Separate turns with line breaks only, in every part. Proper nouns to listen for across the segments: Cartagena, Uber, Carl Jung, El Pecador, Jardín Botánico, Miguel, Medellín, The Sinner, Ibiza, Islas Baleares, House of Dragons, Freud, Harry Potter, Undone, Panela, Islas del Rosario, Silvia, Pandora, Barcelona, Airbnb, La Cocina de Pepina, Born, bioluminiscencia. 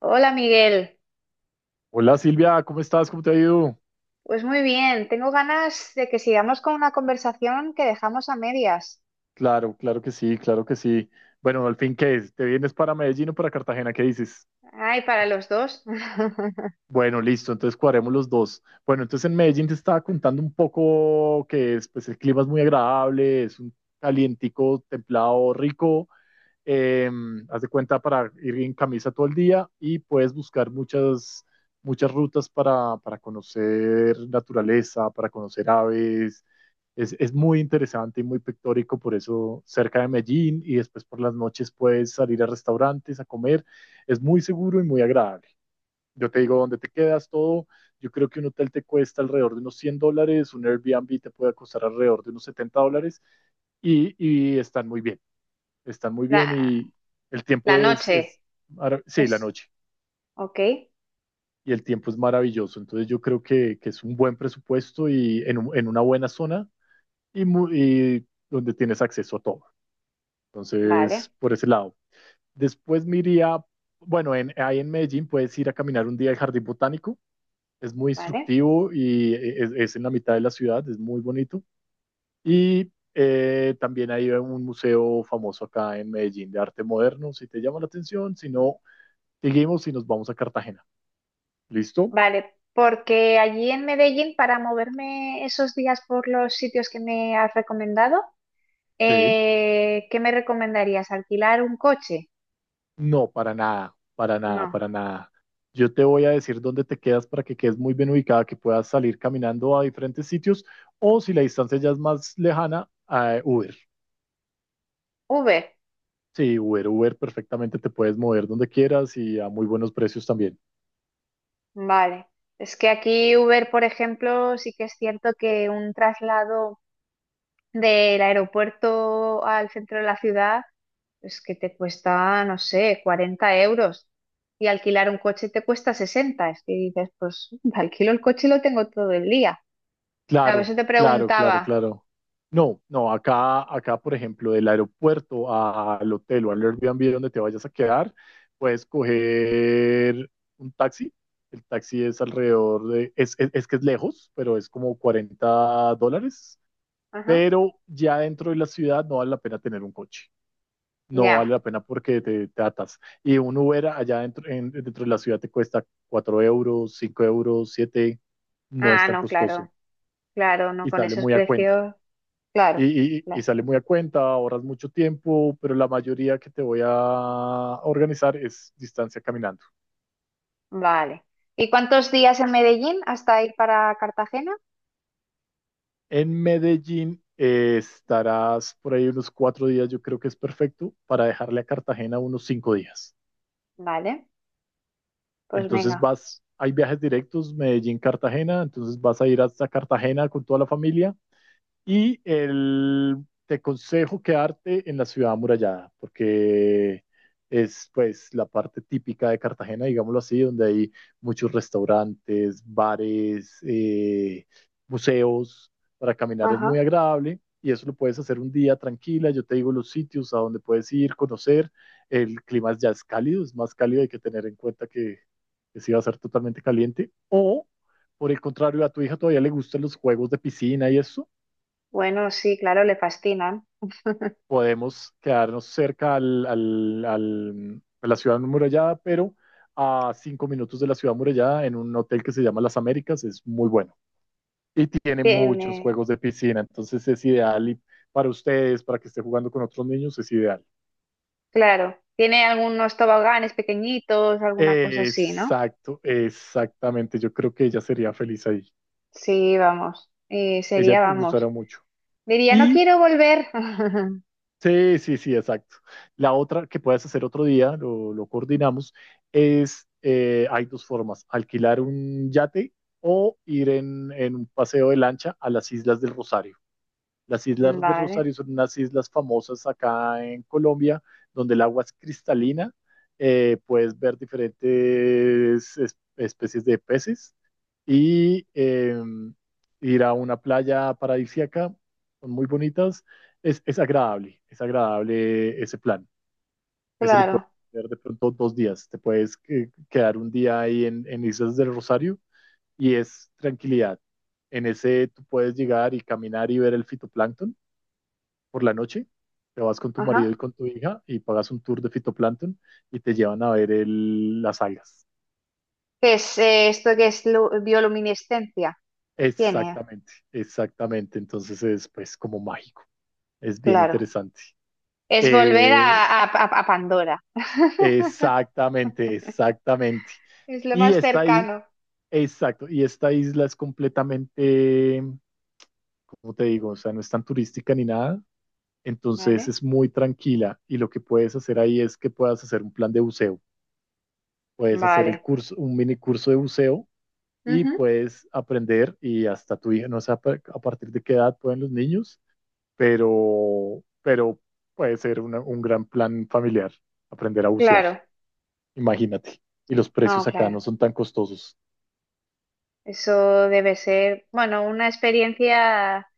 Hola, Miguel.
Hola Silvia, ¿cómo estás? ¿Cómo te ha ido?
Pues muy bien, tengo ganas de que sigamos con una conversación que dejamos a medias.
Claro, claro que sí, claro que sí. Bueno, al fin, ¿qué es? ¿Te vienes para Medellín o para Cartagena? ¿Qué dices?
Ay, para los dos.
Bueno, listo, entonces cuadremos los dos. Bueno, entonces en Medellín te estaba contando un poco que es, pues el clima es muy agradable, es un calientico, templado, rico. Eh, Haz de cuenta para ir en camisa todo el día y puedes buscar muchas, muchas rutas para conocer naturaleza, para conocer aves. Es muy interesante y muy pictórico, por eso cerca de Medellín y después por las noches puedes salir a restaurantes a comer. Es muy seguro y muy agradable. Yo te digo dónde te quedas, todo. Yo creo que un hotel te cuesta alrededor de unos $100, un Airbnb te puede costar alrededor de unos $70 y están muy bien
La,
y el
la
tiempo
noche
sí, la
es...
noche,
Ok,
y el tiempo es maravilloso. Entonces yo creo que es un buen presupuesto y en una buena zona y donde tienes acceso a todo. Entonces,
vale,
por ese lado. Después me iría, bueno, ahí en Medellín puedes ir a caminar un día al Jardín Botánico. Es muy
vale,
instructivo y es en la mitad de la ciudad, es muy bonito. Y también hay un museo famoso acá en Medellín de arte moderno, si te llama la atención, si no, seguimos y nos vamos a Cartagena. ¿Listo?
vale, porque allí en Medellín, para moverme esos días por los sitios que me has recomendado,
Sí.
¿qué me recomendarías? ¿Alquilar un coche?
No, para nada, para nada,
No,
para nada. Yo te voy a decir dónde te quedas para que quedes muy bien ubicada, que puedas salir caminando a diferentes sitios o si la distancia ya es más lejana, a Uber.
Uber,
Sí, Uber, Uber, perfectamente te puedes mover donde quieras y a muy buenos precios también.
vale. Es que aquí Uber, por ejemplo, sí que es cierto que un traslado del aeropuerto al centro de la ciudad, pues que te cuesta, no sé, 40 euros. Y alquilar un coche te cuesta 60. Es que dices, pues alquilo el coche y lo tengo todo el día. A
Claro,
veces te
claro, claro,
preguntaba,
claro. No, no, acá, acá, por ejemplo, del aeropuerto al hotel o al Airbnb donde te vayas a quedar, puedes coger un taxi. El taxi es alrededor de, es que es lejos, pero es como $40.
ajá,
Pero ya dentro de la ciudad no vale la pena tener un coche. No
ya.
vale la pena porque te atas. Y un Uber allá dentro, dentro de la ciudad te cuesta 4 euros, 5 euros, 7. No es
Ah,
tan
no,
costoso
claro, claro, no
y
con
sale
esos
muy a cuenta
precios, claro,
y
claro,
sale muy a cuenta, ahorras mucho tiempo, pero la mayoría que te voy a organizar es distancia caminando.
vale. ¿Y cuántos días en Medellín hasta ir para Cartagena?
En Medellín estarás por ahí unos 4 días, yo creo que es perfecto para dejarle a Cartagena unos 5 días.
Vale, pues
Entonces
venga,
vas, hay viajes directos Medellín-Cartagena, entonces vas a ir hasta Cartagena con toda la familia. Te aconsejo quedarte en la ciudad amurallada, porque es pues la parte típica de Cartagena, digámoslo así, donde hay muchos restaurantes, bares, museos, para caminar es muy
ajá.
agradable y eso lo puedes hacer un día tranquila, yo te digo los sitios a donde puedes ir, conocer, el clima ya es cálido, es más cálido, hay que tener en cuenta que sí va a ser totalmente caliente, o por el contrario, a tu hija todavía le gustan los juegos de piscina y eso,
Bueno, sí, claro, le fascinan.
podemos quedarnos cerca a la ciudad amurallada, pero a 5 minutos de la ciudad amurallada en un hotel que se llama Las Américas, es muy bueno. Y tiene muchos
Tiene.
juegos de piscina, entonces es ideal y para ustedes, para que esté jugando con otros niños, es ideal.
Claro, tiene algunos toboganes pequeñitos, alguna cosa así, ¿no?
Exacto, exactamente. Yo creo que ella sería feliz ahí.
Sí, vamos,
Ella
sería,
te gustará
vamos.
mucho.
Diría, no
Y
quiero volver.
Sí, sí, sí, exacto. La otra que puedes hacer otro día, lo coordinamos, hay dos formas, alquilar un yate o ir en un paseo de lancha a las Islas del Rosario. Las islas de
Vale,
Rosario son unas islas famosas acá en Colombia, donde el agua es cristalina. Puedes ver diferentes especies de peces y ir a una playa paradisíaca. Son muy bonitas. Es agradable, es agradable ese plan. Ese lo puedes
claro,
hacer de pronto 2 días. Te puedes quedar un día ahí en Islas del Rosario y es tranquilidad. En ese tú puedes llegar y caminar y ver el fitoplancton por la noche, te vas con tu marido y
ajá.
con tu hija y pagas un tour de fitoplancton y te llevan a ver las algas.
¿Qué es esto que es bioluminiscencia? Tiene,
Exactamente, exactamente. Entonces es pues como mágico, es bien
claro.
interesante.
Es volver
Eh,
a, a Pandora.
Exactamente, exactamente.
Es lo
Y
más
esta, i-
cercano,
exacto, y esta isla es completamente, ¿cómo te digo? O sea, no es tan turística ni nada. Entonces
¿vale?
es muy tranquila y lo que puedes hacer ahí es que puedas hacer un plan de buceo. Puedes hacer el
Vale.
curso, un mini curso de buceo y
Ujú.
puedes aprender y hasta tu hija, no sé a partir de qué edad pueden los niños, pero puede ser un gran plan familiar, aprender a bucear,
Claro,
imagínate. Y los
no,
precios acá no
claro.
son tan costosos.
Eso debe ser, bueno, una experiencia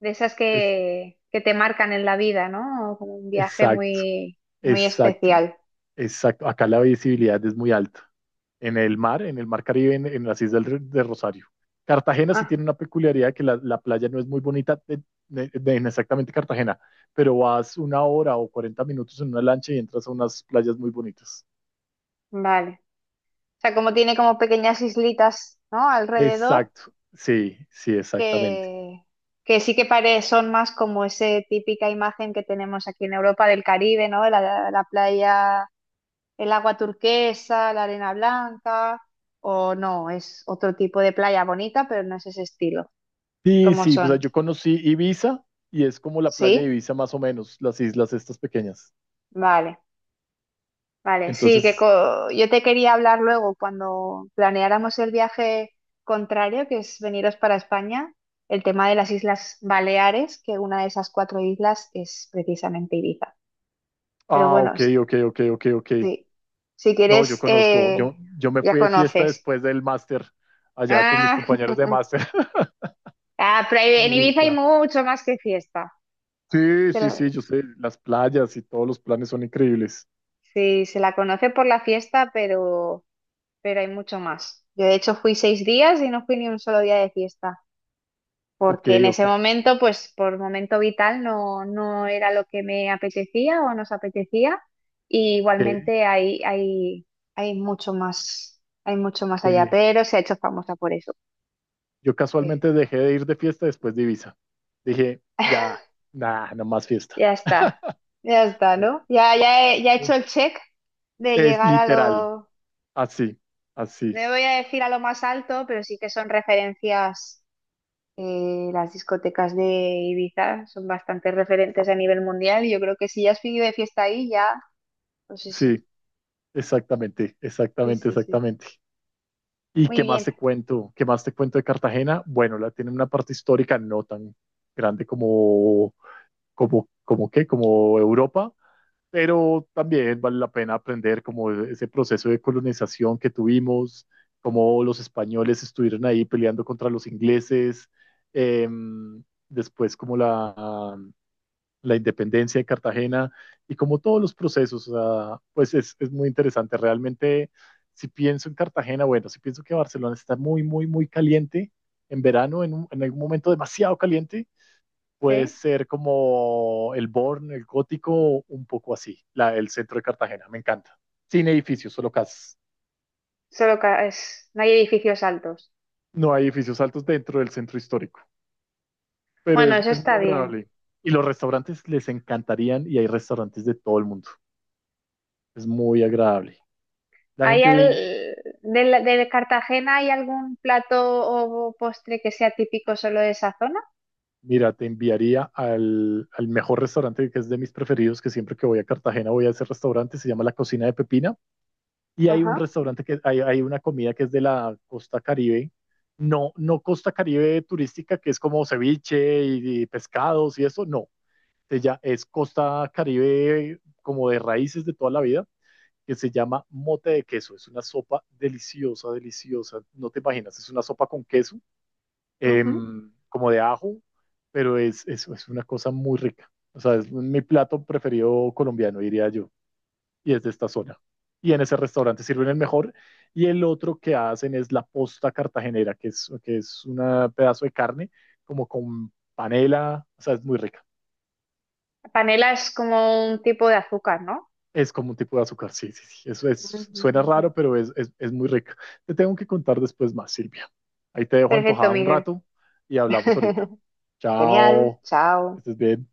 de esas
Es,
que te marcan en la vida, ¿no? Como un viaje
exacto,
muy, muy
exacto,
especial.
exacto. Acá la visibilidad es muy alta, en el mar, Caribe, en las islas de Rosario. Cartagena sí
Ah,
tiene una peculiaridad que la playa no es muy bonita en exactamente Cartagena, pero vas una hora o 40 minutos en una lancha y entras a unas playas muy bonitas.
vale. O sea, como tiene como pequeñas islitas, ¿no? Alrededor,
Exacto, sí, sí, exactamente.
que, que sí que pare, son más como esa típica imagen que tenemos aquí en Europa del Caribe, ¿no? La playa, el agua turquesa, la arena blanca, o no, es otro tipo de playa bonita, pero no es ese estilo,
Sí,
como
sí, pues, o sea,
son.
yo conocí Ibiza y es como la playa de
Sí,
Ibiza más o menos, las islas estas pequeñas.
vale, vale. Sí, que
Entonces,
yo te quería hablar luego cuando planeáramos el viaje contrario, que es veniros para España, el tema de las Islas Baleares, que una de esas cuatro islas es precisamente Ibiza. Pero
ah,
bueno,
ok, ok, ok, ok, ok.
sí, si
No, yo
quieres,
conozco, yo me
ya
fui de fiesta
conoces.
después del máster, allá con mis
Ah,
compañeros de máster.
ah, pero
Ay,
en Ibiza hay
Ibiza.
mucho más que fiesta.
Sí,
Se
sí,
la-
sí, yo sé, las playas y todos los planes son increíbles.
sí, se la conoce por la fiesta, pero hay mucho más. Yo de hecho fui 6 días y no fui ni un solo día de fiesta,
Ok,
porque en
ok,
ese momento, pues por momento vital, no, no era lo que me apetecía o nos apetecía. Y
ok,
igualmente hay mucho más allá,
ok.
pero se ha hecho famosa por eso.
Yo
Eh,
casualmente dejé de ir de fiesta después de Ibiza. Dije, ya, nada, no más fiesta.
Ya está, ya está, ¿no? Ya, ya he hecho el check de
Es
llegar a
literal,
lo,
así, así,
no voy a decir a lo más alto, pero sí que son referencias. Las discotecas de Ibiza son bastante referentes a nivel mundial y yo creo que si ya has vivido de fiesta ahí, ya, pues eso.
sí, exactamente,
Sí,
exactamente,
sí, sí.
exactamente. ¿Y
Muy
qué más
bien.
te cuento? ¿Qué más te cuento de Cartagena? Bueno, la tiene una parte histórica no tan grande como, como qué, como Europa, pero también vale la pena aprender como ese proceso de colonización que tuvimos, cómo los españoles estuvieron ahí peleando contra los ingleses, eh, después como la independencia de Cartagena y como todos los procesos, o sea, pues es muy interesante. Realmente, si pienso en Cartagena, bueno, si pienso que Barcelona está muy, muy, muy caliente en verano, en algún momento demasiado caliente puede
¿Sí?
ser como el Born, el gótico, un poco así, el centro de Cartagena, me encanta. Sin edificios, solo casas.
Solo que no hay edificios altos.
No hay edificios altos dentro del centro histórico, pero
Bueno,
es,
eso
es
está
muy
bien.
agradable. Y los restaurantes les encantarían y hay restaurantes de todo el mundo. Es muy agradable. La
¿Hay
gente,
Cartagena hay algún plato o postre que sea típico solo de esa zona?
Mira, te enviaría al mejor restaurante que es de mis preferidos, que siempre que voy a Cartagena voy a ese restaurante, se llama La Cocina de Pepina y hay un
Ajá.
restaurante que hay una comida que es de la costa Caribe, no, no costa Caribe turística, que es como ceviche y pescados y eso, no, se ya es costa Caribe como de raíces de toda la vida, que se llama mote de queso, es una sopa deliciosa, deliciosa, no te imaginas, es una sopa con queso,
Ujú.
como de ajo, pero es una cosa muy rica, o sea, es mi plato preferido colombiano, diría yo y es de esta zona. Y en ese restaurante sirven el mejor. Y el otro que hacen es la posta cartagenera, que es un pedazo de carne como con panela, o sea, es muy rica.
Panela es como un tipo de azúcar, ¿no?
Es como un tipo de azúcar, sí, sí, sí. Eso
Ujú,
es,
ujú,
suena
ujú.
raro, pero es muy rica. Te tengo que contar después más, Silvia. Ahí te dejo
Perfecto,
antojada un
Miguel.
rato y hablamos ahorita.
Genial,
Chao. Que
chao.
estés bien.